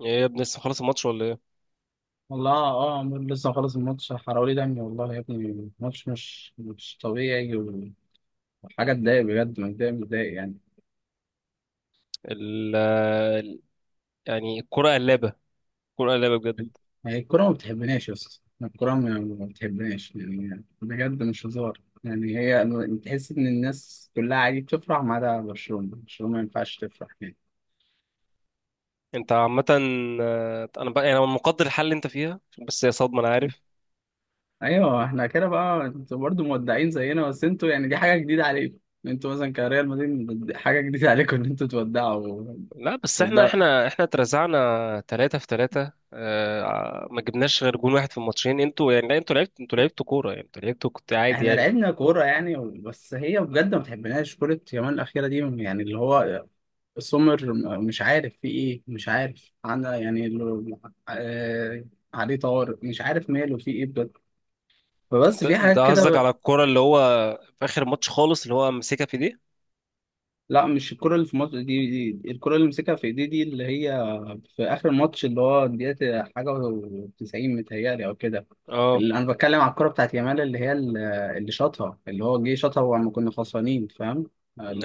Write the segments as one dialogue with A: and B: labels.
A: ايه يا ابني لسه خلاص الماتش ولا ايه؟
B: والله آه، عمرو لسه مخلص الماتش، حراولي دمي والله يا ابني. الماتش مش طبيعي وحاجة تضايق، بجد متضايق يعني.
A: ال ال- يعني الكرة قلابة. الكرة قلابة بجد.
B: هي الكورة ما بتحبناش يا اسطى، الكورة ما بتحبناش يعني، بجد مش هزار يعني. هي تحس إن الناس كلها عادي بتفرح ما عدا برشلونة، ما ينفعش تفرح يعني.
A: انت عامة، انا بقى مقدر الحل اللي انت فيها. بس هي صدمة، انا عارف.
B: أيوه احنا كده بقى، انتوا برضه مودعين زينا، بس انتوا يعني دي حاجة جديدة عليكم. انتوا مثلا كريال مدريد حاجة جديدة عليكم إن انتوا
A: لا بس احنا
B: تودعوا.
A: احنا احنا اترزعنا 3-3، ما جبناش غير جون واحد في الماتشين. انتوا يعني لا، انتوا لعبتوا كورة يعني، انتوا لعبتوا كنت عادي
B: احنا
A: يعني.
B: لعبنا كورة يعني، بس هي بجد ما بتحبناش كرة يومين الأخيرة دي، يعني اللي هو سمر. مش عارف في ايه، مش عارف انا، يعني آه عليه طوارئ، مش عارف ماله في ايه بجد. فبس
A: انت
B: في
A: انت
B: حاجات
A: قصدك
B: كده.
A: على الكورة اللي هو في اخر الماتش خالص، اللي هو ماسكها في دي؟
B: لا مش الكرة اللي في مصر دي، دي الكرة اللي مسكها في ايديه دي، اللي هي في آخر الماتش، اللي هو دقيقة حاجة و90 متهيألي أو كده.
A: اه،
B: اللي أنا بتكلم على الكرة بتاعت يامال، اللي هي اللي شاطها، اللي هو جه شاطها وما كنا خسرانين، فاهم؟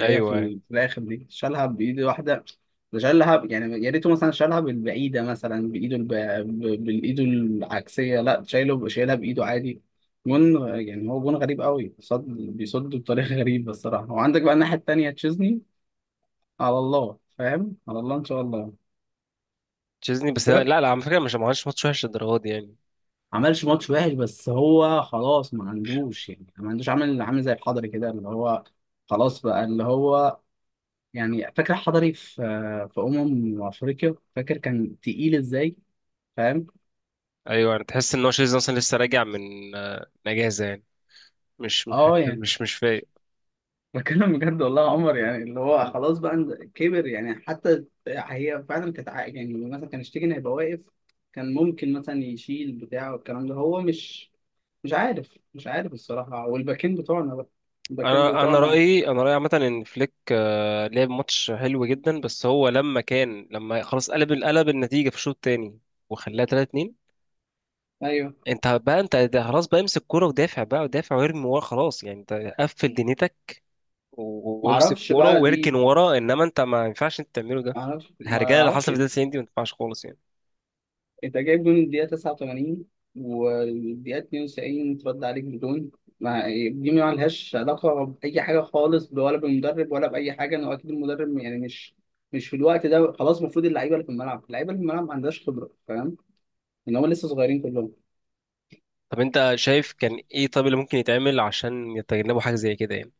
A: ايوه
B: هي في،
A: ايوه.
B: في الآخر دي شالها بإيد واحدة. ده شالها يعني، يا ريته مثلا شالها بالبعيدة مثلا بإيده بالإيده العكسية، لا شايله بإيده عادي. جون يعني، هو جون غريب قوي، صد بطريقه غريبه الصراحه. وعندك بقى الناحيه التانيه تشيزني، على الله فاهم، على الله ان شاء الله.
A: تشيزني، بس لا
B: ما
A: لا، على فكرة مش ما عملش ماتش وحش للدرجة دي يعني.
B: عملش ماتش وحش، بس هو خلاص ما عندوش يعني، ما عندوش عامل زي الحضري كده، اللي هو خلاص بقى اللي هو يعني. فاكر الحضري في افريقيا؟ فاكر كان تقيل ازاي؟ فاهم.
A: ايوه يعني، تحس ان هو شيزن اصلا لسه راجع من اجازه يعني. مش
B: اه يعني
A: مش فايق.
B: بتكلم بجد والله يا عمر، يعني اللي هو خلاص بقى كبر يعني، حتى هي فعلا كانت يعني مثلا كان شتيجن هيبقى واقف، كان ممكن مثلا يشيل بتاع والكلام ده. هو مش عارف، الصراحة. والباكين بتوعنا بقى، الباكين
A: انا انا
B: بتوعنا.
A: رايي انا رايي عامه ان فليك لعب ماتش حلو جدا، بس هو لما خلاص قلب النتيجه في الشوط الثاني وخلاها 3-2.
B: ايوه،
A: انت بقى انت ده خلاص بقى امسك كوره ودافع بقى ودافع وارمي ورا خلاص يعني. انت قفل دنيتك وامسك
B: معرفش
A: كوره
B: بقى
A: واركن
B: دي،
A: ورا، انما انت ما ينفعش انت تعمله ده.
B: معرفش
A: الهرجله اللي حصلت
B: معرفش
A: في الدقيقه 90 دي ما ينفعش خالص يعني.
B: انت جايب جون الدقيقة 89، والدقيقة 92 اترد عليك بدون، ما دي ما لهاش علاقة بأي حاجة خالص، ولا بالمدرب ولا بأي حاجة. إنه أكيد المدرب يعني مش في الوقت ده، خلاص المفروض اللعيبة اللي في الملعب، ما عندهاش خبرة فاهم، إن هم لسه صغيرين كلهم.
A: طب انت شايف كان ايه؟ طب اللي ممكن يتعمل عشان يتجنبوا حاجه زي كده يعني؟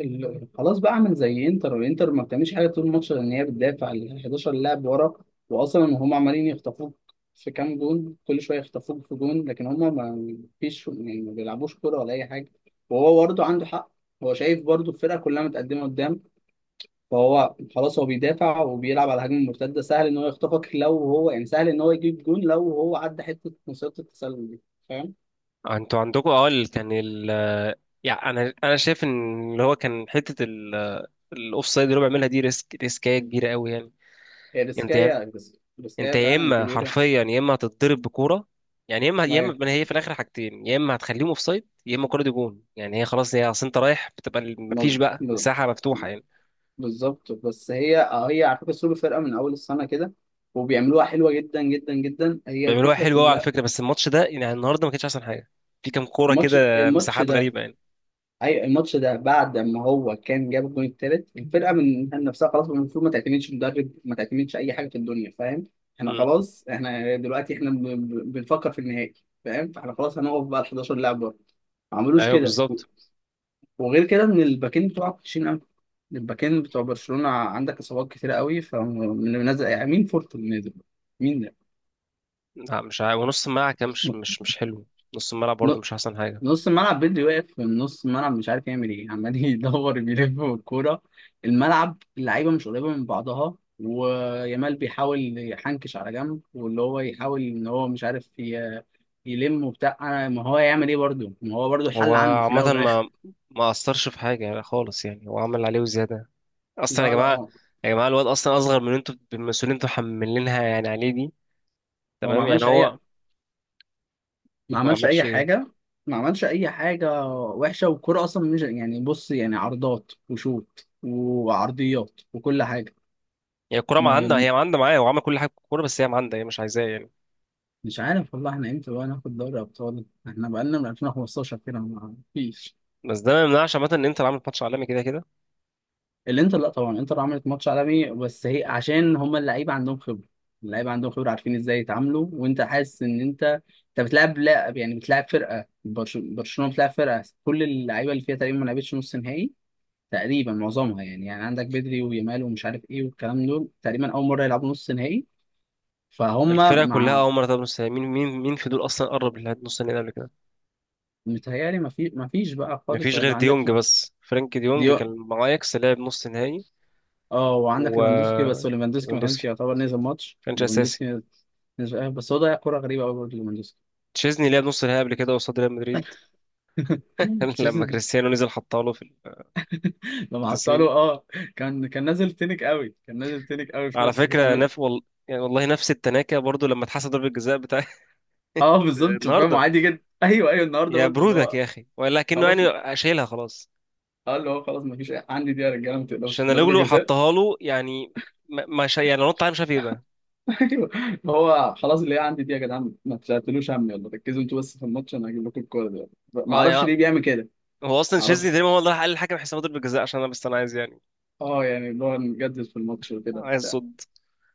B: خلاص بقى اعمل زي انتر، ما بتعملش حاجه طول الماتش، لان هي بتدافع ال 11 لاعب ورا. واصلا هم عمالين يخطفوك في كام جون، كل شويه يخطفوك في جون، لكن هم ما فيش يعني، ما بيلعبوش كوره ولا اي حاجه. وهو برضه عنده حق، هو شايف برضه الفرقه كلها متقدمه قدام، فهو خلاص هو بيدافع وبيلعب على هجمه مرتده. سهل ان هو يخطفك لو هو يعني، سهل ان هو يجيب جون لو هو عدى حته مصيده التسلل دي، فاهم؟
A: انتوا عندكم اه، ال- كان ال يعني انا شايف ان اللي هو كان حته الاوف سايد اللي هو بيعملها دي ريسكايه كبيره قوي يعني.
B: هي
A: انت يا-
B: ريسكايه،
A: انت
B: ريسكايه
A: يا
B: فعلا
A: اما
B: كبيره.
A: حرفيا يا اما هتتضرب بكوره، يعني يا اما يا
B: ما
A: اما ما هي في الاخر حاجتين، يا اما هتخليهم اوف سايد يا اما الكوره دي جون يعني، هي خلاص، هي اصل انت رايح بتبقى مفيش بقى
B: ما-
A: مساحه مفتوحه يعني.
B: بالظبط، بس هي آه، هي على فكره سوبر فرقه من اول السنه كده، وبيعملوها حلوه جدا جدا جدا، هي
A: بيعملوها
B: الفكره
A: حلوه قوي على
B: كلها.
A: فكره، بس الماتش ده يعني النهارده ما كانش احسن حاجه. في كام كوره
B: الماتش
A: كده
B: الماتش
A: مساحات
B: ده
A: غريبه يعني.
B: الماتش ده بعد ما هو كان جاب الجون التالت، الفرقه من نفسها خلاص المفروض ما تعتمدش مدرب، ما تعتمدش اي حاجه في الدنيا فاهم. احنا
A: امم
B: خلاص، احنا دلوقتي احنا بنفكر في النهائي فاهم، فاحنا خلاص هنقف بقى ال 11 لاعب بره، ما عملوش
A: ايوه
B: كده.
A: بالظبط.
B: وغير كده ان الباكين بتوعك وحشين قوي، الباكين بتوع برشلونة، عندك اصابات كتيرة قوي، فمنزل يعني مين فورت اللي نازل؟ مين ده؟
A: لا مش عارف، ونص الملعب كان مش حلو. نص الملعب
B: ن-
A: برضه مش احسن حاجه.
B: نص الملعب بدري واقف من نص الملعب، مش عارف يعمل ايه، عمال يدور بيلف بالكورة. الملعب، اللعيبة مش قريبة من بعضها، ويامال بيحاول يحنكش على جنب، واللي هو يحاول ان هو مش عارف يلم وبتاع. ما هو يعمل ايه برضه، ما هو برضه
A: هو
B: الحل عنده في الاول
A: عامه
B: والاخر.
A: ما اثرش في حاجه يعني خالص، يعني هو عمل عليه وزياده اصلا. يا
B: لا
A: جماعه،
B: هو،
A: يا جماعه الواد اصلا اصغر من اللي انتوا المسؤولين انتوا حملينها يعني عليه دي.
B: هو ما
A: تمام يعني
B: عملش اي،
A: هو
B: ما
A: ما
B: عملش
A: عملش
B: اي
A: ايه؟
B: حاجه ما عملش اي حاجه وحشه، والكوره اصلا مش يعني. بص يعني عرضات وشوط وعرضيات وكل حاجه.
A: هي الكوره ما
B: ما
A: عندها، هي ما عندها معايا، هو عمل كل حاجه في الكوره بس هي ما عندها، هي مش عايزاه يعني.
B: مش عارف والله، احنا امتى بقى ناخد دوري ابطال؟ احنا بقالنا من 2015 كده ما فيش.
A: بس ده ما يمنعش عامه ان انت اللي عامل ماتش عالمي كده كده.
B: الانتر لا طبعا الانتر عملت ماتش عالمي، بس هي عشان هما اللعيبه عندهم خبره، عارفين ازاي يتعاملوا. وانت حاسس ان انت بتلعب، لا يعني بتلعب فرقه برشلونه، بتلعب فرقه كل اللعيبه اللي فيها تقريبا ما لعبتش نص نهائي، تقريبا معظمها يعني. يعني عندك بدري ويامال ومش عارف ايه والكلام دول، تقريبا اول مره يلعبوا نص نهائي فهم.
A: الفرقه كلها
B: مع
A: اول مره تقابل نص نهائي. مين في دول اصلا قرب لنص النهائي قبل كده؟
B: متهيألي ما فيش بقى خالص
A: مفيش غير
B: غير عندك
A: ديونج، بس فرانك ديونج
B: ديو
A: كان مع اياكس لعب نص نهائي.
B: اه، وعندك ليفاندوسكي، بس ليفاندوسكي ما كانش
A: وليفاندوسكي
B: يعتبر نزل ماتش.
A: كانش اساسي.
B: ليفاندوسكي نزل آه، بس هو ضيع كوره غريبه قوي برضه ليفاندوسكي.
A: تشيزني لعب نص نهائي قبل كده قصاد ريال مدريد لما
B: تشيزني
A: كريستيانو نزل حطها له في ال
B: لما حطها
A: 90.
B: له اه، كان نازل تنك قوي، في
A: على
B: نفسه كده
A: فكره يعني والله نفس التناكه برضو لما اتحسب ضربه الجزاء بتاع.
B: اه بالظبط فاهم،
A: النهارده
B: عادي جدا. ايوه ايوه النهارده
A: يا
B: برضه اللي
A: برودك
B: هو
A: يا اخي، ولكنه يعني
B: خلاص.
A: شايلها خلاص.
B: اه اللي هو خلاص ما فيش عندي دي يا رجاله، ما
A: عشان
B: تقلقوش ضربة
A: لو
B: جزاء.
A: حطها له يعني، ما ما شا... يعني نط عليه مش عارف ايه بقى.
B: ايوه، هو خلاص اللي هي عندي دي يا جدعان، ما تشتتلوش همي، يلا ركزوا انتوا بس في الماتش، انا هجيب لكم الكوره دي. ما
A: اه
B: اعرفش
A: يعني،
B: ليه بيعمل كده،
A: هو اصلا
B: ما
A: تشيزني
B: اعرفش.
A: تقريبا هو اللي راح قال للحكم حساب ضربه الجزاء، عشان انا بس انا عايز يعني،
B: اه يعني اللي هو نجدد في الماتش وكده
A: عايز
B: بتاع.
A: صد.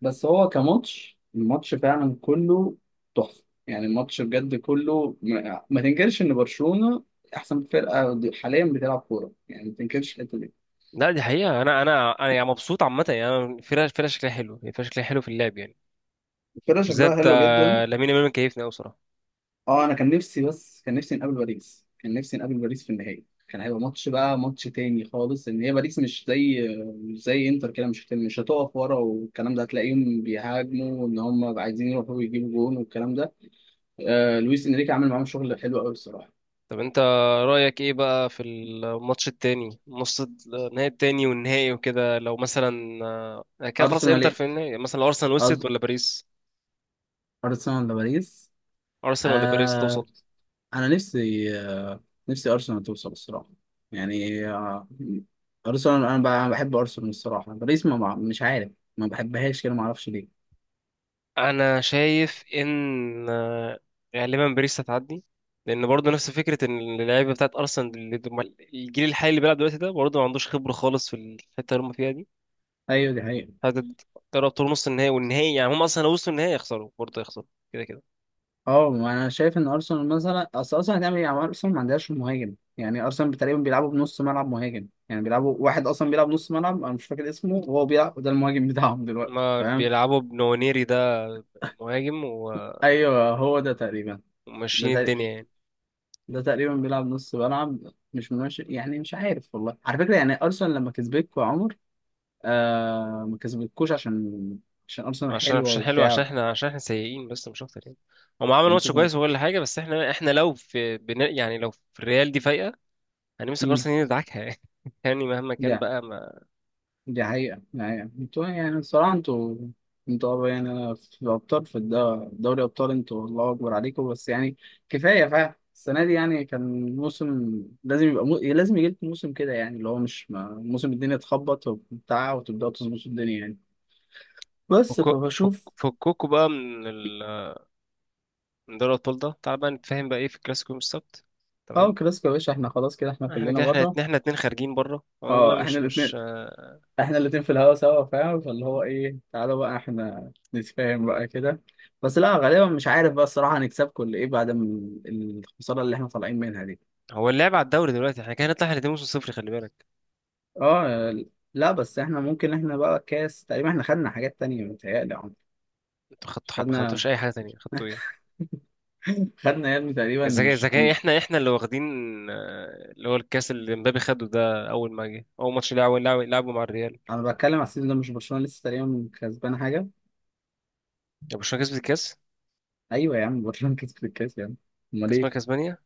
B: بس هو الماتش فعلا كله تحفه يعني، الماتش بجد كله ما، ما تنكرش ان برشلونه احسن فرقه حاليا بتلعب كوره يعني، ما تنكرش الحته دي.
A: لا دي حقيقة، أنا يعني مبسوط عامة، يعني أنا الفرقة شكلها حلو، الفرقة شكلها حلو في اللعب يعني.
B: الفرقه
A: وبالذات
B: شكلها حلو جدا.
A: لامين يامال مكيفني قوي بصراحه.
B: اه انا كان نفسي، بس كان نفسي نقابل باريس كان نفسي نقابل باريس في النهائي، كان هيبقى ماتش بقى، ماتش تاني خالص، ان هي باريس مش زي انتر كده، مش هتقف ورا والكلام ده. هتلاقيهم بيهاجموا وان هم عايزين يروحوا يجيبوا جون والكلام ده. آه لويس انريكي عامل معاهم شغل حلو قوي الصراحه.
A: طب انت رايك ايه بقى في الماتش التاني، نص النهائي التاني والنهائي وكده؟ لو مثلا كده خلاص
B: ارسنال
A: انتر
B: ايه؟
A: في النهائي مثلا، لو ارسنال وصلت
B: أز...
A: ولا باريس؟
B: ارسنال ولا باريس؟
A: ارسنال ولا باريس
B: آه
A: توصل؟
B: انا نفسي آه، نفسي ارسنال توصل الصراحه، يعني آه ارسنال انا بحب ارسنال الصراحه. باريس مش عارف ما بحبهاش كده، ما اعرفش ليه.
A: انا شايف ان غالبا باريس هتعدي، لان برضه نفس فكره، ان اللعيبه بتاعت ارسنال الجيل الحالي اللي بيلعب دلوقتي ده برضه ما عندوش خبره خالص في الحته اللي هم فيها دي.
B: ايوه دي حقيقة.
A: هتقرب طول نص النهائي والنهائي، يعني هم اصلا لو وصلوا النهائي يخسروا برضه، يخسروا كده كده.
B: اه ما انا شايف ان ارسنال مثلا، اصل ارسنال هتعمل ايه يعني؟ ارسنال ما عندهاش مهاجم، يعني ارسنال تقريبا بيلعبوا بنص ملعب مهاجم يعني، بيلعبوا واحد اصلا بيلعب نص ملعب، انا مش فاكر اسمه، وهو بيلعب ده المهاجم بتاعهم دلوقتي
A: ما
B: فاهم.
A: بيلعبوا بنونيري ده مهاجم
B: ايوه هو ده تقريبا، ده
A: وماشيين الدنيا
B: تقريبا
A: يعني.
B: ده تقريبا بيلعب نص ملعب، مش ماشي يعني. مش عارف والله، على فكرة يعني ارسنال لما كسبتكوا يا عمر آه، ما كسبتكوش عشان ارسنال
A: عشان
B: حلوة
A: مش حلو،
B: وبتاع
A: عشان
B: يعني.
A: احنا، عشان احنا سيئين بس مش اكتر يعني. هم عملوا ماتش
B: انتوا كنتوا-
A: كويس وكل حاجه، بس احنا لو في بنا يعني، لو في الريال دي فايقه، هنمسك
B: مم.
A: ارسنال ندعكها يعني. يعني مهما
B: دي
A: كان بقى ما.
B: دي حقيقة انتوا يعني الصراحة، يعني أنا في أبطال في دوري أبطال انتوا الله أكبر عليكم. بس يعني كفاية فعلا السنة دي يعني، كان موسم لازم يبقى لازم يجي لكم موسم كده، يعني اللي هو مش ما... موسم الدنيا تخبط وبتاع، وتبدأوا تظبطوا الدنيا يعني. بس
A: فكو-
B: فبشوف.
A: فك- فكوكوا بقى من ال... من دوري الابطال ده. تعال بقى نتفاهم بقى، ايه في الكلاسيكو يوم السبت؟
B: اه
A: تمام.
B: كلاسيكو يا باشا، احنا خلاص كده احنا
A: احنا
B: كلنا
A: كده، احنا
B: بره،
A: اتنين، احنا اتنين خارجين بره خلاص بقى
B: اه احنا
A: مش
B: الاتنين،
A: مش
B: في الهوا سوا فاهم. فاللي هو ايه، تعالوا بقى احنا نتفاهم بقى كده. بس لا غالبا مش عارف بقى الصراحة هنكسبكم ولا ايه، بعد الخسارة اللي احنا طالعين منها دي.
A: هو اللعب على الدوري دلوقتي احنا كده هنطلع احنا الاتنين موسم صفر، خلي بالك.
B: اه لا بس احنا ممكن احنا بقى كاس، تقريبا احنا خدنا حاجات تانية متهيألي يا عمر.
A: انتوا خدتوا، ما
B: خدنا،
A: خدتوش اي حاجه تانية، خدتوا ايه؟
B: خدنا يا ابني تقريبا
A: اذا
B: مش
A: كان
B: كن-
A: احنا اللي واخدين اللي هو الكاس اللي مبابي خده ده، اول ما جه اول ماتش لعبه، لعبه مع الريال.
B: انا بتكلم على السيزون ده، مش برشلونة لسه تقريبا كسبانة حاجة؟
A: يعني برشلونه كسبت الكاس؟
B: ايوه يا عم، برشلونة كسبت الكاس يا عم، امال
A: كاس
B: ايه؟
A: ملك اسبانيا.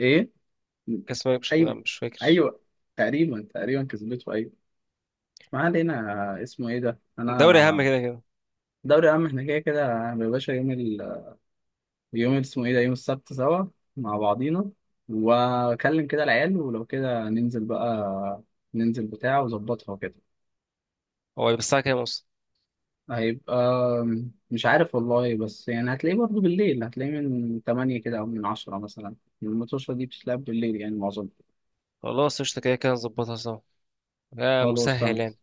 B: ايه؟
A: كاس ملك، مش، لا،
B: ايوه
A: مش فاكر.
B: ايوه تقريبا، تقريبا كسبته ايوه، ما علينا اسمه ايه ده
A: الدوري اهم
B: انا.
A: كده كده.
B: دوري عام احنا كده كده. يا باشا يوم يوم اسمه ايه ده، يوم السبت سوا مع بعضينا، واكلم كده العيال ولو كده ننزل بقى، ننزل بتاع وظبطها وكده.
A: هو الساعه كام اصلا؟
B: هيبقى مش عارف والله، بس يعني هتلاقيه برضه بالليل، هتلاقيه من 8 كده او من 10 مثلا، الماتشة دي بتتلعب بالليل يعني معظمها.
A: خلاص قشطه، كده كده نظبطها سوا، يا
B: خلاص
A: مسهل
B: تمام،
A: يعني.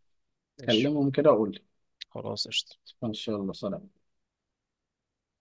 A: ماشي،
B: كلمهم كده وقول لي.
A: خلاص قشطه
B: ان شاء الله، سلام.